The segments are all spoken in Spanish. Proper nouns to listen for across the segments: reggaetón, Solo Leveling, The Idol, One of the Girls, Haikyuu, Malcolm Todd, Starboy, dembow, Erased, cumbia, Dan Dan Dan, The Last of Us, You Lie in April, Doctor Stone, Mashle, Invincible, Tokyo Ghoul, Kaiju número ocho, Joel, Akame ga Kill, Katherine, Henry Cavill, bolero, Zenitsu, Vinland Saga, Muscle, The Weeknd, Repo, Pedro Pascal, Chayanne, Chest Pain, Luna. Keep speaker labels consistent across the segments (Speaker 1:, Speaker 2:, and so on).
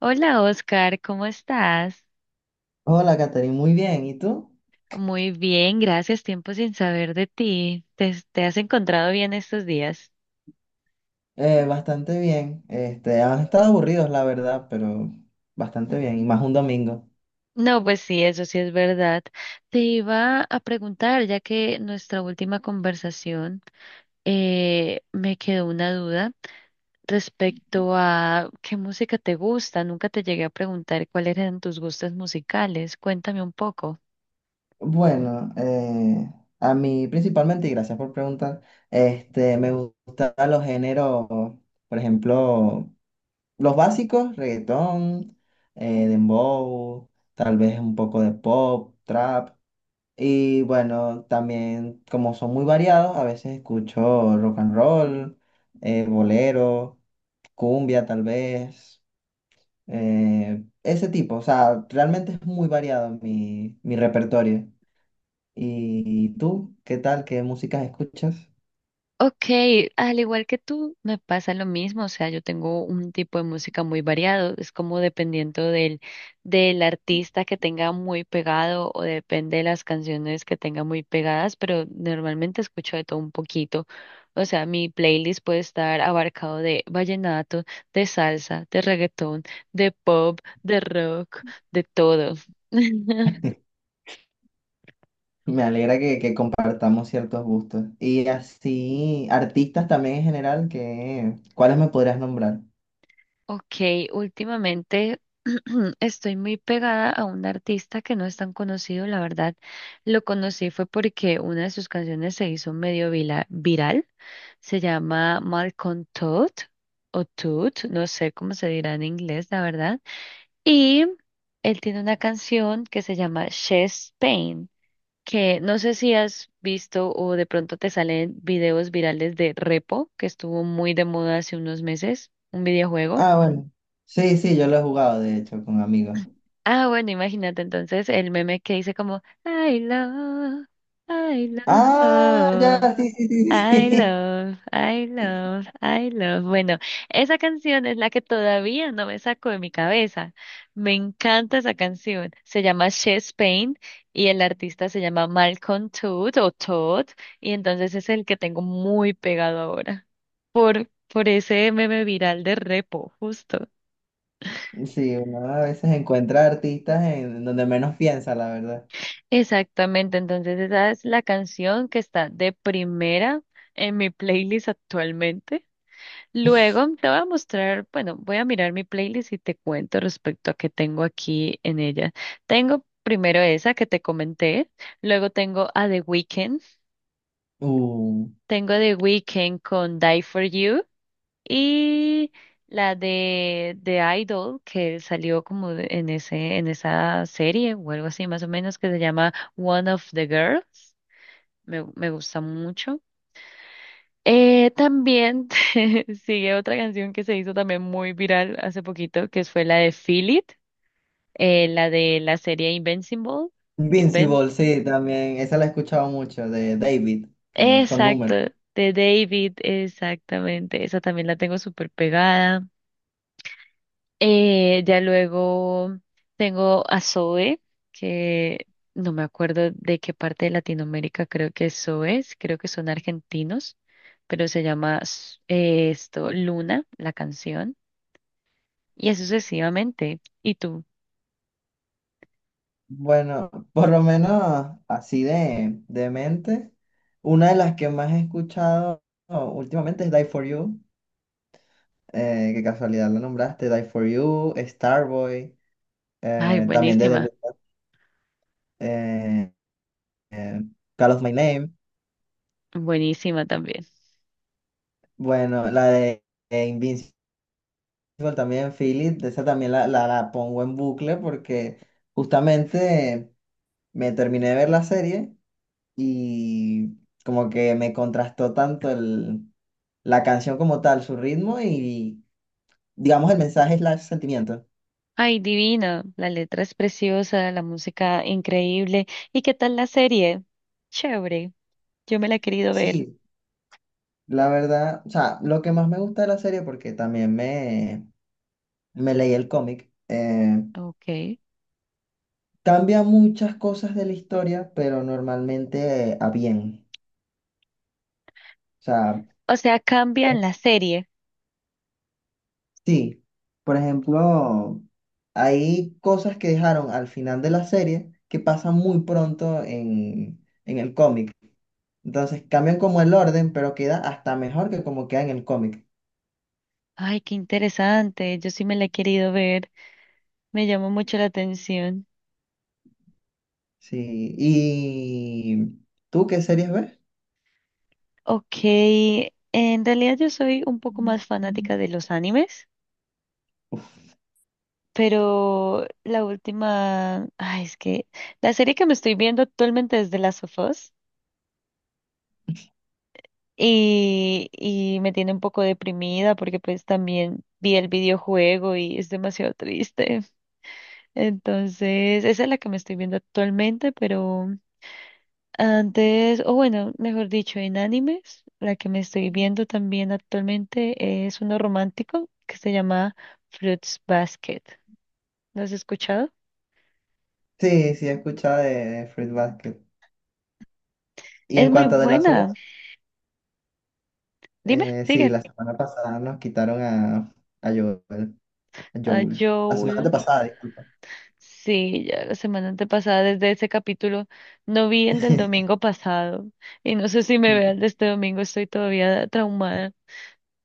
Speaker 1: Hola Oscar, ¿cómo estás?
Speaker 2: Hola, Katherine, muy bien. ¿Y tú?
Speaker 1: Muy bien, gracias. Tiempo sin saber de ti. ¿Te has encontrado bien estos días?
Speaker 2: Bastante bien. Han estado aburridos, la verdad, pero bastante bien. Y más un domingo.
Speaker 1: No, pues sí, eso sí es verdad. Te iba a preguntar, ya que nuestra última conversación me quedó una duda respecto a qué música te gusta. Nunca te llegué a preguntar cuáles eran tus gustos musicales. Cuéntame un poco.
Speaker 2: Bueno, eh, a mí principalmente, y gracias por preguntar, me gustan los géneros, por ejemplo, los básicos, reggaetón, dembow, tal vez un poco de pop, trap. Y bueno, también como son muy variados, a veces escucho rock and roll, bolero, cumbia tal vez, ese tipo, o sea, realmente es muy variado mi repertorio. ¿Y tú, qué tal? ¿Qué músicas escuchas?
Speaker 1: Ok, al igual que tú, me pasa lo mismo, o sea, yo tengo un tipo de música muy variado, es como dependiendo del, del artista que tenga muy pegado o depende de las canciones que tenga muy pegadas, pero normalmente escucho de todo un poquito, o sea, mi playlist puede estar abarcado de vallenato, de salsa, de reggaetón, de pop, de rock, de todo.
Speaker 2: Me alegra que compartamos ciertos gustos. Y así, artistas también en general, que, ¿cuáles me podrías nombrar?
Speaker 1: Ok, últimamente estoy muy pegada a un artista que no es tan conocido, la verdad. Lo conocí fue porque una de sus canciones se hizo medio viral. Se llama Malcolm Todd o Todd, no sé cómo se dirá en inglés, la verdad. Y él tiene una canción que se llama Chest Pain, que no sé si has visto o de pronto te salen videos virales de Repo, que estuvo muy de moda hace unos meses, un videojuego.
Speaker 2: Ah, bueno. Sí, sí, yo lo he jugado, de hecho, con amigos.
Speaker 1: Ah, bueno, imagínate entonces el meme que dice como I love,
Speaker 2: Ah,
Speaker 1: oh,
Speaker 2: ya, sí, sí, sí, sí,
Speaker 1: I
Speaker 2: sí.
Speaker 1: love, I love, I love. Bueno, esa canción es la que todavía no me saco de mi cabeza. Me encanta esa canción. Se llama Chest Pain y el artista se llama Malcolm Todd o Todd y entonces es el que tengo muy pegado ahora por ese meme viral de Repo, justo.
Speaker 2: Sí, uno a veces encuentra artistas en donde menos piensa, la verdad.
Speaker 1: Exactamente, entonces esa es la canción que está de primera en mi playlist actualmente. Luego te voy a mostrar, bueno, voy a mirar mi playlist y te cuento respecto a qué tengo aquí en ella. Tengo primero esa que te comenté, luego tengo a The Weeknd,
Speaker 2: Uh.
Speaker 1: tengo a The Weeknd con Die For You y la de The Idol que salió como en esa serie o algo así más o menos que se llama One of the Girls. Me gusta mucho. También sigue otra canción que se hizo también muy viral hace poquito, que fue la de Feel It, la de la serie Invincible. Inven-
Speaker 2: Invincible, sí, también. Esa la he escuchado mucho, de David, que es con
Speaker 1: Exacto,
Speaker 2: números.
Speaker 1: de David, exactamente. Esa también la tengo súper pegada. Ya luego tengo a Zoe, que no me acuerdo de qué parte de Latinoamérica creo que es Zoe, creo que son argentinos, pero se llama s- esto Luna, la canción, y así sucesivamente. ¿Y tú?
Speaker 2: Bueno, por lo menos así de mente, una de las que más he escuchado últimamente es Die For You, que casualidad lo nombraste, Die For You, Starboy,
Speaker 1: Ay,
Speaker 2: también de The
Speaker 1: buenísima,
Speaker 2: Weeknd, eh, eh, Call of My Name.
Speaker 1: buenísima también.
Speaker 2: Bueno, la de Invincible también, Feel It, esa también la, la pongo en bucle porque justamente me terminé de ver la serie. Y como que me contrastó tanto el, la canción como tal, su ritmo y digamos el mensaje es el sentimiento.
Speaker 1: Ay, divina, la letra es preciosa, la música increíble. ¿Y qué tal la serie? Chévere, yo me la he querido ver.
Speaker 2: Sí, la verdad, o sea, lo que más me gusta de la serie, porque también me leí el cómic,
Speaker 1: Ok.
Speaker 2: cambia muchas cosas de la historia, pero normalmente a bien. O sea,
Speaker 1: O sea,
Speaker 2: pues,
Speaker 1: cambian la serie.
Speaker 2: sí, por ejemplo, hay cosas que dejaron al final de la serie que pasan muy pronto en el cómic. Entonces cambian como el orden, pero queda hasta mejor que como queda en el cómic.
Speaker 1: Ay, qué interesante. Yo sí me la he querido ver. Me llamó mucho la atención.
Speaker 2: Sí. ¿Y tú qué series ves?
Speaker 1: Ok, en realidad yo soy un poco más fanática de los animes, pero la última, ay, es que la serie que me estoy viendo actualmente es The Last of Us y me tiene un poco deprimida porque pues también vi el videojuego y es demasiado triste. Entonces, esa es la que me estoy viendo actualmente, pero... Antes, o bueno, mejor dicho, en animes, la que me estoy viendo también actualmente es uno romántico que se llama Fruits Basket. ¿Lo has escuchado?
Speaker 2: Sí, sí, he escuchado de Fruit Basket. Y
Speaker 1: Es
Speaker 2: en
Speaker 1: muy
Speaker 2: cuanto a The Last of
Speaker 1: buena.
Speaker 2: Us,
Speaker 1: Dime,
Speaker 2: sí,
Speaker 1: sigue.
Speaker 2: la semana pasada nos quitaron a Joel, a
Speaker 1: A
Speaker 2: Joel. La semana
Speaker 1: Joel.
Speaker 2: antepasada, disculpa.
Speaker 1: Sí, ya la semana antepasada, desde ese capítulo, no vi el del domingo pasado y no sé si me vea el de este domingo, estoy todavía traumada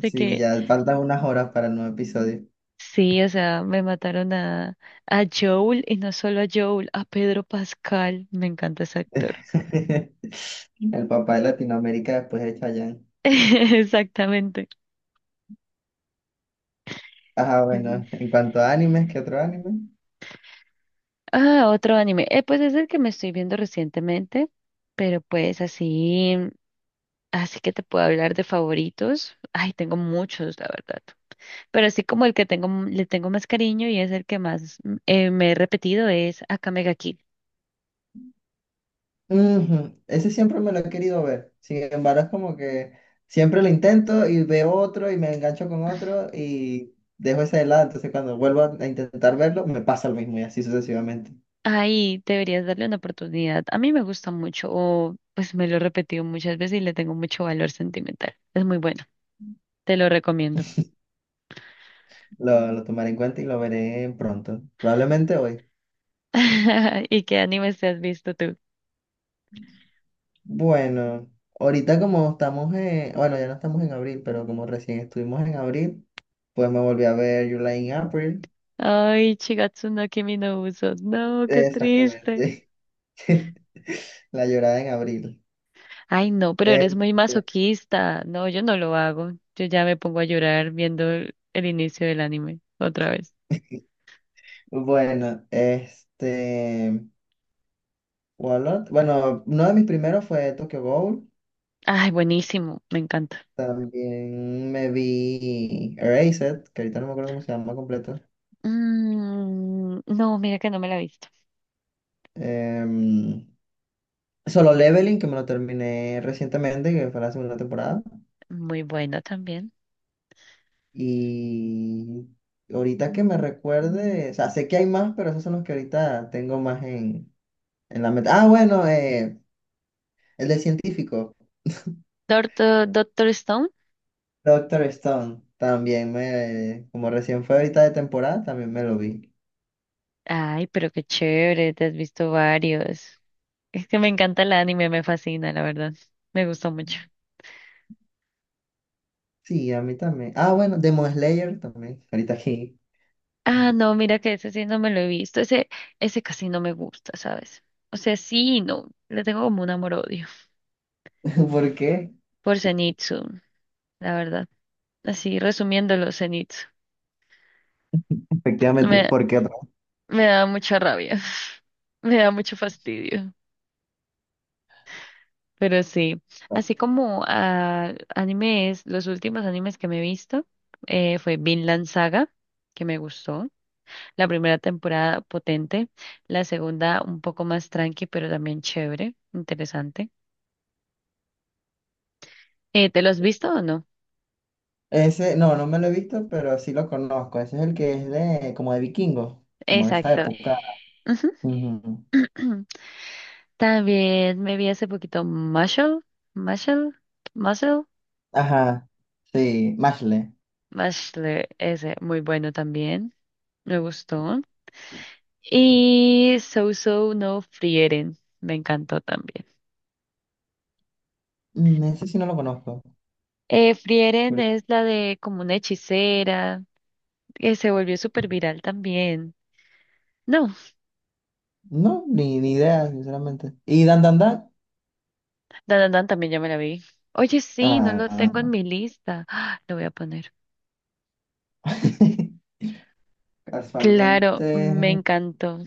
Speaker 1: de
Speaker 2: Sí,
Speaker 1: que
Speaker 2: ya faltan unas horas para el nuevo episodio.
Speaker 1: sí, o sea, me mataron a Joel y no solo a Joel, a Pedro Pascal. Me encanta ese actor.
Speaker 2: El papá de Latinoamérica después de Chayanne.
Speaker 1: Exactamente.
Speaker 2: Ajá,
Speaker 1: Sí, sí.
Speaker 2: bueno, en cuanto a animes, ¿qué otro anime?
Speaker 1: Ah, otro anime. Pues es el que me estoy viendo recientemente, pero pues así, así que te puedo hablar de favoritos. Ay, tengo muchos, la verdad. Pero así como el que tengo, le tengo más cariño y es el que más me he repetido es Akame ga Kill.
Speaker 2: Ujú. Ese siempre me lo he querido ver. Sin embargo, es como que siempre lo intento y veo otro y me engancho con otro y dejo ese de lado. Entonces, cuando vuelvo a intentar verlo, me pasa lo mismo y así sucesivamente.
Speaker 1: Ahí deberías darle una oportunidad. A mí me gusta mucho, o pues me lo he repetido muchas veces y le tengo mucho valor sentimental. Es muy bueno, te lo recomiendo.
Speaker 2: Lo tomaré en cuenta y lo veré pronto. Probablemente hoy.
Speaker 1: ¿Y qué animes te has visto tú?
Speaker 2: Bueno, ahorita como estamos en, bueno, ya no estamos en abril, pero como recién estuvimos en abril, pues me volví a ver You Lie in April.
Speaker 1: Ay, Shigatsu no Kimi no Uso. No, qué triste.
Speaker 2: Exactamente. La llorada en abril.
Speaker 1: Ay, no, pero eres muy masoquista. No, yo no lo hago. Yo ya me pongo a llorar viendo el inicio del anime otra vez.
Speaker 2: Bueno, este, ¿Cuál ot- Bueno, uno de mis primeros fue Tokyo Ghoul.
Speaker 1: Ay, buenísimo, me encanta.
Speaker 2: También me vi Erased, que ahorita no me acuerdo cómo se llama completo.
Speaker 1: Mm, no, mira que no me la he visto.
Speaker 2: Em, Solo Leveling, que me lo terminé recientemente, que fue la segunda temporada.
Speaker 1: Muy bueno también.
Speaker 2: Y ahorita que me recuerde, o sea, sé que hay más, pero esos son los que ahorita tengo más en la meta. Ah, bueno, el de científico.
Speaker 1: Doctor, Doctor Stone.
Speaker 2: Doctor Stone, también me, como recién fue ahorita de temporada, también me lo vi.
Speaker 1: Ay, pero qué chévere, te has visto varios. Es que me encanta el anime, me fascina, la verdad. Me gustó mucho.
Speaker 2: Sí, a mí también. Ah, bueno, Demon Slayer también, ahorita aquí.
Speaker 1: Ah, no, mira que ese sí no me lo he visto. Ese casi no me gusta, ¿sabes? O sea, sí, y no. Le tengo como un amor-odio
Speaker 2: ¿Por qué?
Speaker 1: por Zenitsu, la verdad. Así, resumiéndolo, Zenitsu.
Speaker 2: Efectivamente,
Speaker 1: Me,
Speaker 2: porque otra
Speaker 1: me da mucha rabia. Me da mucho fastidio. Pero sí,
Speaker 2: vez.
Speaker 1: así como animes, los últimos animes que me he visto fue Vinland Saga, que me gustó. La primera temporada potente, la segunda un poco más tranqui, pero también chévere, interesante. ¿Te lo has visto o no?
Speaker 2: Ese, no, no me lo he visto, pero sí lo conozco. Ese es el que es de, como de vikingos, como de esa
Speaker 1: Exacto.
Speaker 2: época.
Speaker 1: Ujú.
Speaker 2: Ujú.
Speaker 1: También me vi hace poquito Muscle, Muscle,
Speaker 2: Ajá, sí, Mashle.
Speaker 1: Muscle, ese, muy bueno también, me gustó. Y So So no Frieren, me encantó también.
Speaker 2: Mm, ese sí no lo conozco.
Speaker 1: Frieren
Speaker 2: Curio-
Speaker 1: es la de como una hechicera, que se volvió súper viral también. No,
Speaker 2: No, ni, ni idea, sinceramente. ¿Y Dan Dan Dan?
Speaker 1: Dan Dan Dan también ya me la vi. Oye, sí, no lo tengo en
Speaker 2: Ah,
Speaker 1: mi lista. Ah, lo voy a poner. Claro, me
Speaker 2: casualmente.
Speaker 1: encantó.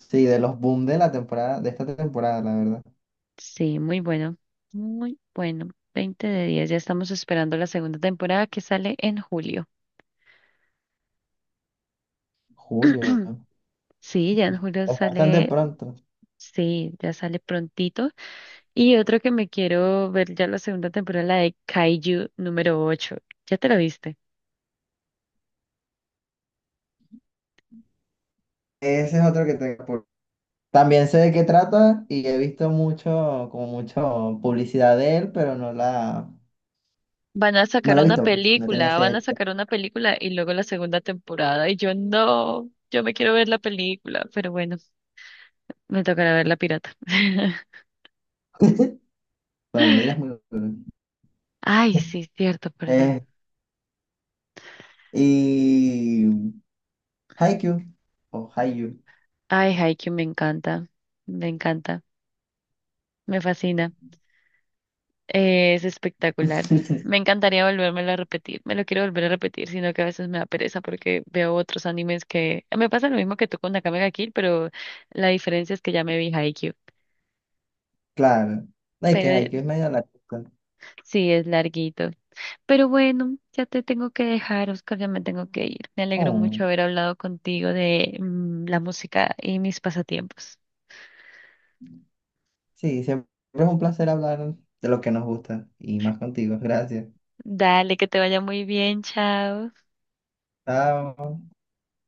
Speaker 2: Sí, de los boom de la temporada, de esta temporada, la verdad.
Speaker 1: Sí, muy bueno, muy bueno. 20 de 10, ya estamos esperando la segunda temporada que sale en julio.
Speaker 2: Julio,
Speaker 1: Sí, ya en julio
Speaker 2: es bastante
Speaker 1: sale,
Speaker 2: pronto.
Speaker 1: sí, ya sale prontito. Y otro que me quiero ver ya la segunda temporada, la de Kaiju número 8. ¿Ya te la viste?
Speaker 2: Ese es otro que tengo. Por- También sé de qué trata y he visto mucho, como mucho publicidad de él, pero no la,
Speaker 1: Van a
Speaker 2: no
Speaker 1: sacar
Speaker 2: la he
Speaker 1: una
Speaker 2: visto, pues. No tenía
Speaker 1: película, van a
Speaker 2: ese.
Speaker 1: sacar una película y luego la segunda temporada. Y yo no, yo me quiero ver la película, pero bueno, me tocará ver la pirata.
Speaker 2: Pero no lo digas muy duro.
Speaker 1: Ay, sí, cierto, perdón.
Speaker 2: Eh, y Haikyuu o Haikyuu.
Speaker 1: Ay, Haikyuu me encanta, me encanta, me fascina. Es espectacular. Me encantaría volvérmelo a repetir. Me lo quiero volver a repetir, sino que a veces me da pereza porque veo otros animes que... Me pasa lo mismo que tú con Nakame ga Kill, pero la diferencia es que ya me vi Haikyuu.
Speaker 2: Claro. No, es que
Speaker 1: Pero
Speaker 2: Haikyuu es medio larguito.
Speaker 1: sí, es larguito. Pero bueno, ya te tengo que dejar, Oscar, ya me tengo que ir. Me alegro
Speaker 2: Oh,
Speaker 1: mucho haber hablado contigo de la música y mis pasatiempos.
Speaker 2: sí, siempre es un placer hablar de lo que nos gusta y más contigo. Gracias.
Speaker 1: Dale, que te vaya muy bien, chao.
Speaker 2: Chao.